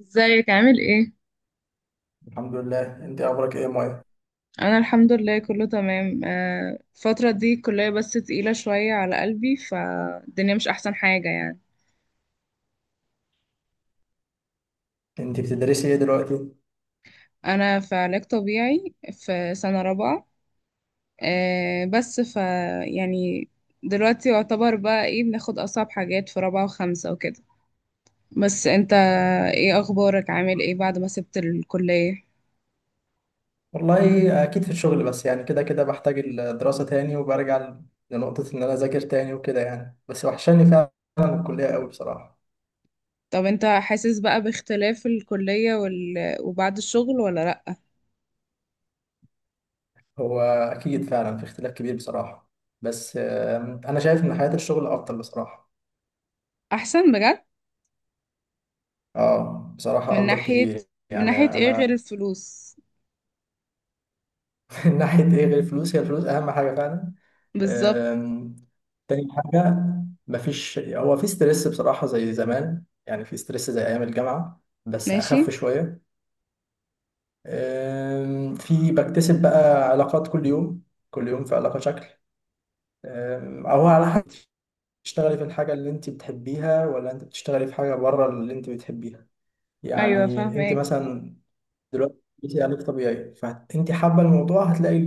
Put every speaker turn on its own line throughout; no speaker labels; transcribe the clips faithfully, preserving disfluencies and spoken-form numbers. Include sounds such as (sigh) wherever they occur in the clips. ازيك عامل ايه؟
الحمد لله. انت اخبارك ايه يا مايا؟
انا الحمد لله كله تمام. آه، الفترة دي الكلية بس تقيلة شوية على قلبي، فالدنيا مش احسن حاجة يعني.
انت بتدرسي ايه دلوقتي؟
انا في علاج طبيعي في سنة رابعة. آه، بس ف يعني دلوقتي يعتبر بقى ايه، بناخد اصعب حاجات في رابعة وخمسة وكده. بس انت، ايه اخبارك، عامل ايه بعد ما سبت الكلية؟
والله، اكيد في الشغل، بس يعني كده كده بحتاج الدراسة تاني، وبرجع لنقطة ان انا اذاكر تاني وكده، يعني بس وحشاني فعلا الكلية قوي بصراحة.
طب انت حاسس بقى باختلاف الكلية وال... وبعد الشغل ولا لأ؟
هو اكيد فعلا في اختلاف كبير بصراحة، بس آم، انا شايف ان حياة الشغل افضل بصراحة.
احسن بجد؟
اه بصراحة
من
افضل
ناحية
كتير،
من ناحية
يعني
ايه غير
انا
الفلوس؟
(laughs) من ناحية ايه غير الفلوس؟ هي الفلوس اهم حاجة فعلا.
بالظبط.
آم، تاني حاجة، مفيش هو في ستريس بصراحة زي زمان، يعني في ستريس زي ايام الجامعة بس
ماشي.
اخف شوية. أم، في بكتسب بقى علاقات كل يوم، كل يوم في علاقة شكل. أم، أو على حسب بتشتغلي في الحاجة اللي أنت بتحبيها، ولا أنت بتشتغلي في حاجة بره اللي أنت بتحبيها.
ايوه
يعني أنت
فاهمك.
مثلا دلوقتي بتدرسي علاج طبيعي، فأنت حابة الموضوع هتلاقي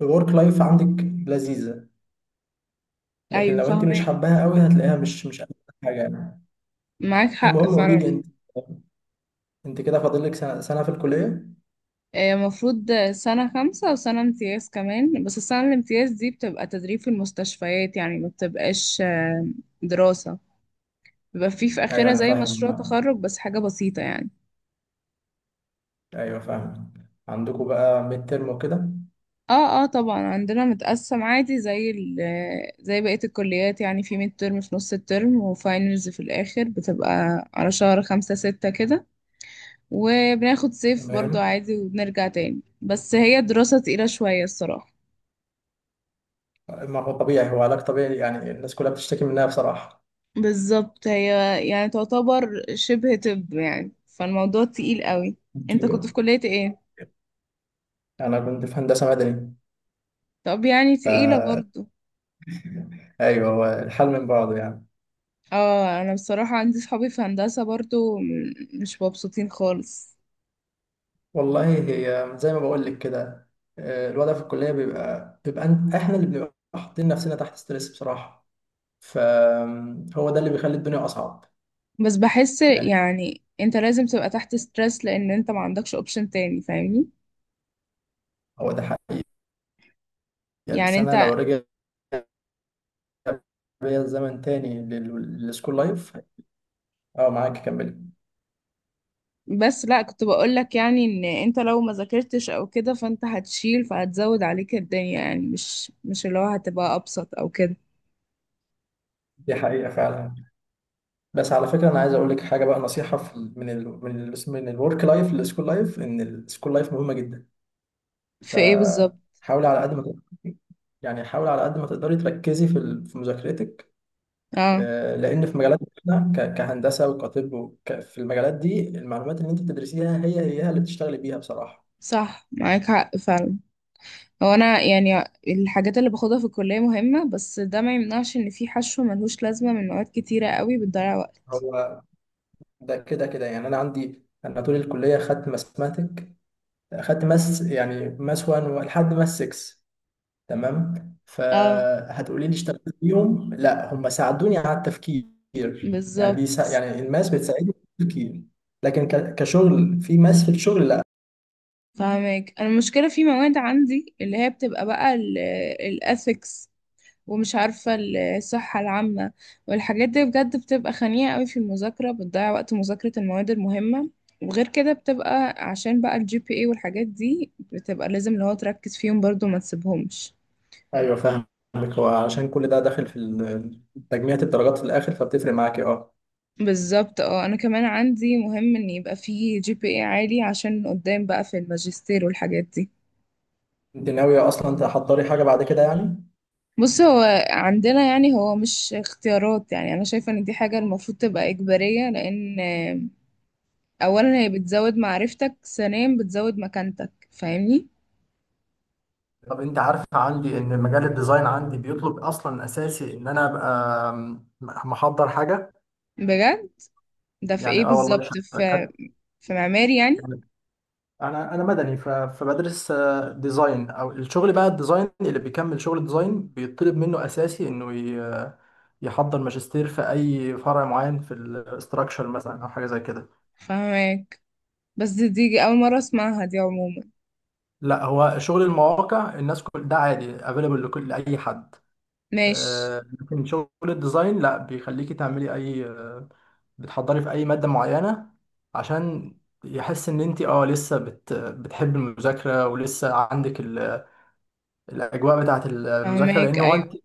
الورك لايف عندك لذيذة. لكن
ايوه
لو أنت مش
فاهمك.
حباها قوي هتلاقيها مش مش أحسن حاجة يعني.
معاك حق
المهم قولي لي
فعلا.
أنت أنت كده فاضل لك سنة سنة في الكلية؟
آه، المفروض سنة خمسة وسنة امتياز كمان، بس السنة الامتياز دي بتبقى تدريب في المستشفيات، يعني ما بتبقاش آه، دراسة. بيبقى فيه في
أيوه
آخرها
أنا
زي
فاهم.
مشروع تخرج، بس حاجة بسيطة يعني.
أيوه فاهم. عندكم بقى ميد ترم وكده؟
اه اه، طبعا عندنا متقسم عادي، زي ال زي بقية الكليات يعني. في ميد ترم في نص الترم، وفاينلز في الآخر بتبقى على شهر خمسة ستة كده. وبناخد صيف برضو
تمام.
عادي وبنرجع تاني، بس هي دراسة تقيلة شوية الصراحة.
ما هو طبيعي، هو علاج طبيعي يعني، الناس كلها بتشتكي منها بصراحة
بالظبط، هي يعني تعتبر شبه طب يعني، فالموضوع تقيل قوي. انت كنت
دكتور.
في كلية ايه؟
أنا كنت في هندسة مدني.
طب يعني تقيلة
فا
برضو.
أيوه، هو الحل من بعضه يعني.
اه، انا بصراحة عندي صحابي في هندسة برضو م- مش مبسوطين خالص.
والله هي زي ما بقول لك كده، آه، الوضع في الكلية بيبقى بيبقى أنت- إحنا اللي بنبقى حاطين نفسنا تحت ستريس بصراحة، فهو ده اللي بيخلي الدنيا أصعب،
بس بحس
يعني
يعني انت لازم تبقى تحت ستريس، لان انت ما عندكش اوبشن تاني، فاهمني.
هو ده حقيقي.
يعني
بس أنا لو
انت،
رجع بيا الزمن تاني لل- للسكول لايف. أه، معاك كملي.
بس لا، كنت بقولك يعني ان انت لو ما ذاكرتش او كده، فانت هتشيل، فهتزود عليك الدنيا، يعني مش مش اللي هو هتبقى ابسط او كده.
دي حقيقة فعلا. بس على فكره انا عايز اقول لك حاجه بقى، نصيحه في ال- من ال من ال من الورك لايف للسكول لايف، ان السكول لايف مهمه جدا،
في ايه بالظبط؟
فحاولي على قد ما تقدر. يعني حاولي على قد ما تقدري تركزي في ال- في مذاكرتك.
اه.
آه، لان في مجالات، احنا ك- كهندسه وكطب وك- في المجالات دي المعلومات اللي انت بتدرسيها هي هي اللي بتشتغلي بيها بصراحه.
صح، معاك حق فعلا. هو انا يعني الحاجات اللي باخدها في الكلية مهمة، بس ده ما يمنعش ان في حشو ملهوش لازمة من مواد كتيرة قوي بتضيع وقت.
هو ده كده كده يعني، انا عندي انا طول الكليه خدت ماثماتيك. خدت ماس، يعني ماس واحد لحد ماس ستة. تمام،
اه.
فهتقولي لي اشتغلت بيهم؟ لا، هم ساعدوني على التفكير. يعني بيسا...
بالظبط.
يعني الماس بتساعدني في التفكير. لكن ك... كشغل، في ماس في الشغل لا.
فاهمك، انا المشكلة في مواد عندي اللي هي بتبقى بقى الاثكس، ومش عارفة ال- الصحة العامة، والحاجات دي بجد بتبقى خنيقة قوي في المذاكرة، بتضيع وقت مذاكرة المواد المهمة. وغير كده بتبقى عشان بقى الجي بي اي والحاجات دي، بتبقى لازم اللي هو تركز فيهم برضو ما تسيبهمش.
ايوه فاهمك. هو عشان كل ده داخل في ال- تجميع الدرجات في الاخر، فبتفرق معاكي اه.
بالظبط. اه، انا كمان عندي مهم ان يبقى فيه جي بي اي عالي، عشان قدام بقى في الماجستير والحاجات دي.
انت ناويه اصلا تحضري حاجه بعد كده يعني؟
بص، هو عندنا يعني هو مش اختيارات، يعني انا شايفة ان دي حاجة المفروض تبقى اجبارية، لان اولا هي بتزود معرفتك، ثانيا بتزود مكانتك، فاهمني.
طب انت عارف عندي ان مجال الديزاين عندي بيطلب اصلا، اساسي ان انا ابقى محضر حاجه.
بجد؟ ده في
يعني
ايه
اه والله،
بالظبط، في
شركات،
في معماري يعني؟
انا انا مدني، ف- فبدرس آه، ديزاين، او الشغل بقى، الديزاين اللي بيكمل شغل الديزاين بيطلب منه اساسي انه ي- يحضر ماجستير في اي فرع معين في الاستراكشر مثلا او حاجه زي كده.
فاهمك. بس دي, دي اول مره اسمعها، دي عموما.
لا، هو شغل المواقع الناس كل ده عادي افيلبل لكل لاي حد.
ماشي.
آه، لكن شغل الديزاين لا، بيخليكي تعملي اي، آه، بتحضري في اي ماده معينه، عشان يحس ان انت اه لسه بت بتحب المذاكره، ولسه عندك الاجواء بتاعه المذاكره،
فاهمك
لان هو انت
ايوه.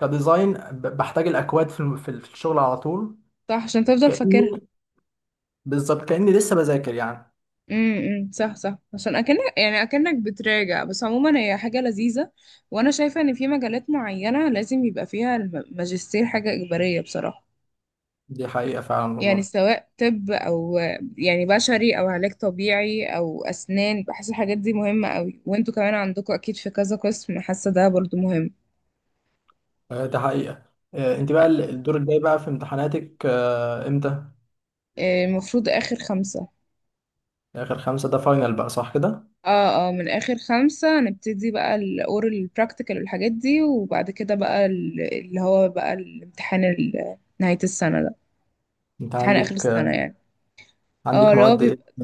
كديزاين ب- بحتاج الاكواد في الم- في ال- في الشغل على طول.
صح، عشان تفضل
كاني،
فاكرها.
بالظبط كاني لسه بذاكر يعني.
امم إمم. صح صح، عشان اكنك يعني اكنك بتراجع، بس عموما هي حاجه لذيذه. وانا شايفه ان في مجالات معينه لازم يبقى فيها الماجستير حاجه اجباريه بصراحه.
دي حقيقه فعلا
يعني
والله.
سواء طب، او يعني بشري او علاج طبيعي او اسنان، بحس الحاجات دي مهمة قوي. وانتوا كمان عندكم اكيد في كذا قسم، حاسة ده برضو مهم.
آه، ده حقيقه. آه، انت بقى ال- الدور الجاي بقى في امتحاناتك آه، امتى؟
آه، المفروض اخر خمسة.
اخر خمسه ده فاينل بقى صح كده؟
اه اه، من اخر خمسة نبتدي بقى الاورال براكتيكال والحاجات دي، وبعد كده بقى ال- اللي هو بقى الامتحان ال- نهاية السنة ده.
انت
امتحان اخر
عندك آه،
السنة يعني. اه،
عندك
اللي هو
مواد ايه؟
بيبقى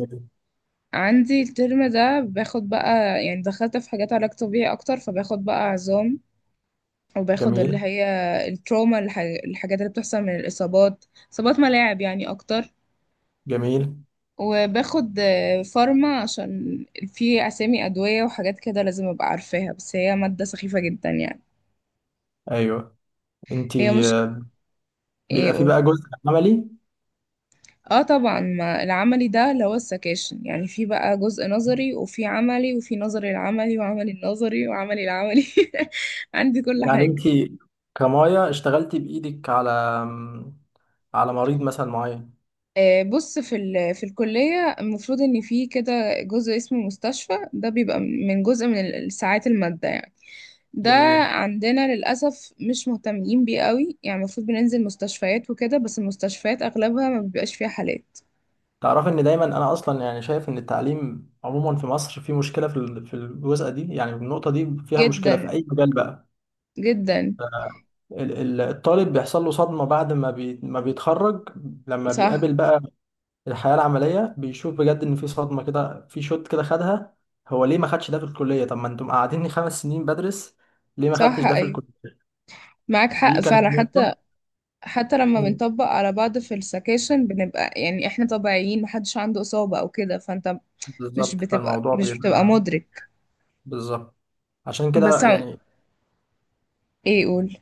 عندي الترم ده باخد بقى، يعني دخلت في حاجات علاج طبيعي اكتر، فباخد بقى عظام. وباخد اللي
جميل.
هي التروما، الح- الحاجات اللي بتحصل من الإصابات، إصابات ملاعب يعني أكتر.
جميل.
وباخد آه، فارما، عشان في أسامي أدوية وحاجات كده لازم أبقى عارفاها، بس هي مادة سخيفة جدا يعني.
ايوه، انت
هي مش،
آه،
إيه
بيبقى في
أقول.
بقى جزء عملي؟
اه طبعا، ما العملي ده اللي هو السكاشن. يعني في بقى جزء نظري، وفي عملي، وفي نظري العملي، وعملي النظري، وعملي العملي. (laughs) عندي كل
يعني
حاجة.
انت كمايا اشتغلتي بايدك على على مريض مثلا معين؟
آه، بص، في ال... في الكلية المفروض إن في كده جزء اسمه مستشفى، ده بيبقى من جزء من ال- ساعات المادة يعني. ده
جميل.
عندنا للأسف مش مهتمين بيه قوي، يعني المفروض بننزل مستشفيات وكده، بس المستشفيات أغلبها ما بيبقاش فيها حالات.
تعرف ان دايما انا اصلا يعني شايف ان التعليم عموما في مصر فيه مشكله في ال- في الجزء دي، يعني النقطه دي فيها مشكله في
جدا.
اي مجال بقى.
جدا.
ال- ال- الطالب بيحصل له صدمه بعد ما بي ما بيتخرج، لما
صح
بيقابل بقى الحياه العمليه، بيشوف بجد ان في صدمه كده، في شوت كده خدها. هو ليه ما خدش ده في الكليه؟ طب ما انتم قاعديني خمس سنين بدرس، ليه ما خدتش
صح،
ده في
أيوة.
الكليه؟
معاك
دي
حق
كانت
فعلا حتى.
نقطه.
حتى لما
مم.
بنطبق على بعض في السكاشن، بنبقى يعني احنا طبيعيين، محدش عنده إصابة أو كده، فأنت مش
بالظبط،
بتبقى
فالموضوع
مش بتبقى
بيبقى
مدرك.
بالظبط. عشان
بس
كده
عم-
يعني،
ايه، قول.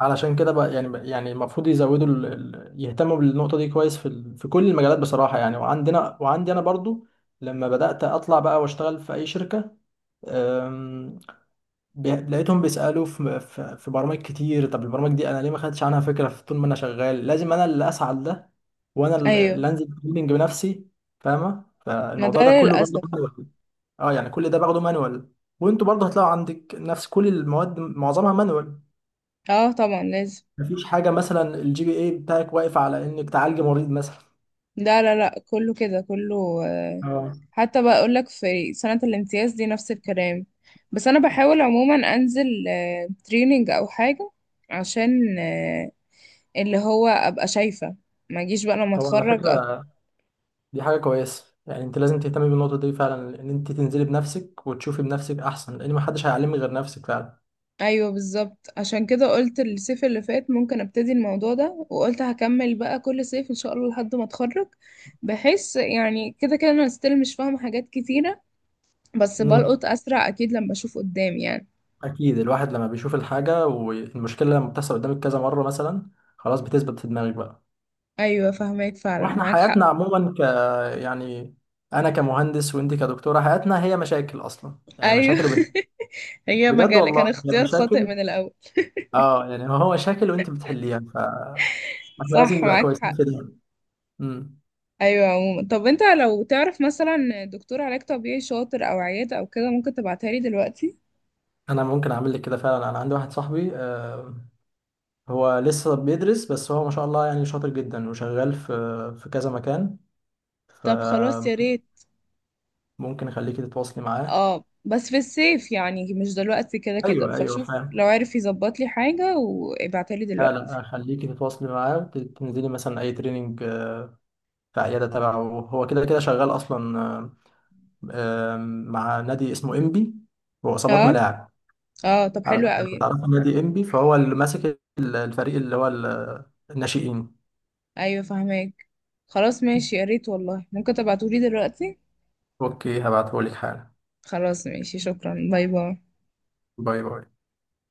علشان كده بقى يعني، يعني المفروض يزودوا ال... ال- يهتموا بالنقطة دي كويس في ال... في كل المجالات بصراحة يعني. وعندنا وعندي أنا برضو لما بدأت أطلع بقى وأشتغل في أي شركة، أم... بي... لقيتهم بيسألوا في... في في برامج كتير. طب البرامج دي أنا ليه ما خدتش عنها فكرة؟ في طول ما أنا شغال لازم أنا اللي أسعى لده، وأنا
ايوه.
اللي أنزل تريننج بنفسي. فاهمة،
ما ده
فالموضوع ده كله برضه
للاسف.
مانوال. أه، يعني كل ده باخده مانوال. وأنتوا برضه هتلاقوا عندك نفس، كل المواد معظمها مانوال.
اه طبعا لازم.
مفيش حاجه مثلا الجي بي اي بتاعك واقف على انك تعالج مريض مثلا.
لا لا لا، كله كده كله آه،
اه.
حتى بقى اقول لك، في سنة الامتياز دي نفس الكلام. بس انا بحاول عموما انزل تريننج او حاجة، عشان آه، اللي هو ابقى شايفة، ما اجيش بقى لما
هو على
اتخرج أت...
فكره، دي حاجه كويسه. يعني انت لازم تهتمي بالنقطه دي فعلا، ان انت تنزلي بنفسك وتشوفي بنفسك احسن، لان محدش هيعلمك غير نفسك فعلا.
ايوه بالظبط، عشان كده قلت الصيف اللي فات ممكن ابتدي الموضوع ده، وقلت هكمل بقى كل صيف ان شاء الله لحد ما اتخرج. بحيث يعني كده كده انا ستيل مش فاهمة حاجات كتيرة، بس
امم.
بلقط اسرع اكيد لما اشوف قدامي يعني.
اكيد الواحد لما بيشوف الحاجه والمشكله لما بتحصل قدامك كذا مره مثلا، خلاص بتثبت في دماغك بقى.
ايوه فهماك فعلا،
واحنا
معاك حق.
حياتنا عموما ك يعني، انا كمهندس وانت كدكتوره، حياتنا هي مشاكل اصلا، يعني
ايوه.
مشاكل وبنحل.
(laughs) هي
بجد
مجال كان
والله، هي
اختيار خاطئ
مشاكل.
من الاول.
اه يعني هو مشاكل وانت بتحليها. احنا لازم
صح
نبقى
معاك
كويسين
حق.
في ده. امم.
ايوه عموما. طب انت لو تعرف مثلا دكتور علاج طبيعي شاطر او عياده او كده، ممكن تبعتها لي دلوقتي.
انا ممكن اعمل لك كده فعلا. انا عندي واحد صاحبي، آه، هو لسه بيدرس، بس هو ما شاء الله يعني شاطر جدا، وشغال في في كذا مكان،
طب خلاص يا
فممكن
ريت.
اخليكي تتواصلي معاه.
اه بس في الصيف يعني مش دلوقتي كده كده،
ايوه ايوه
فشوف
فاهم.
لو عارف يظبط لي حاجه وابعتها لي
لا،
دلوقتي.
لا اخليكي تتواصلي معاه، وتنزلي مثلا اي تريننج آه، في عياده تبعه. هو كده كده شغال اصلا، آه، آه، مع نادي اسمه انبي، واصابات
اه
ملاعب.
اه، طب
عارف؟
حلو قوي.
تعرف نادي انبي؟ فهو اللي ماسك ال- الفريق اللي هو ال- الناشئين.
ايوه فهماك. خلاص ماشي، يا ريت والله، ممكن تبعتولي دلوقتي.
اوكي، هبعتهولك حالا.
خلاص ماشي، شكرا، باي باي.
باي باي.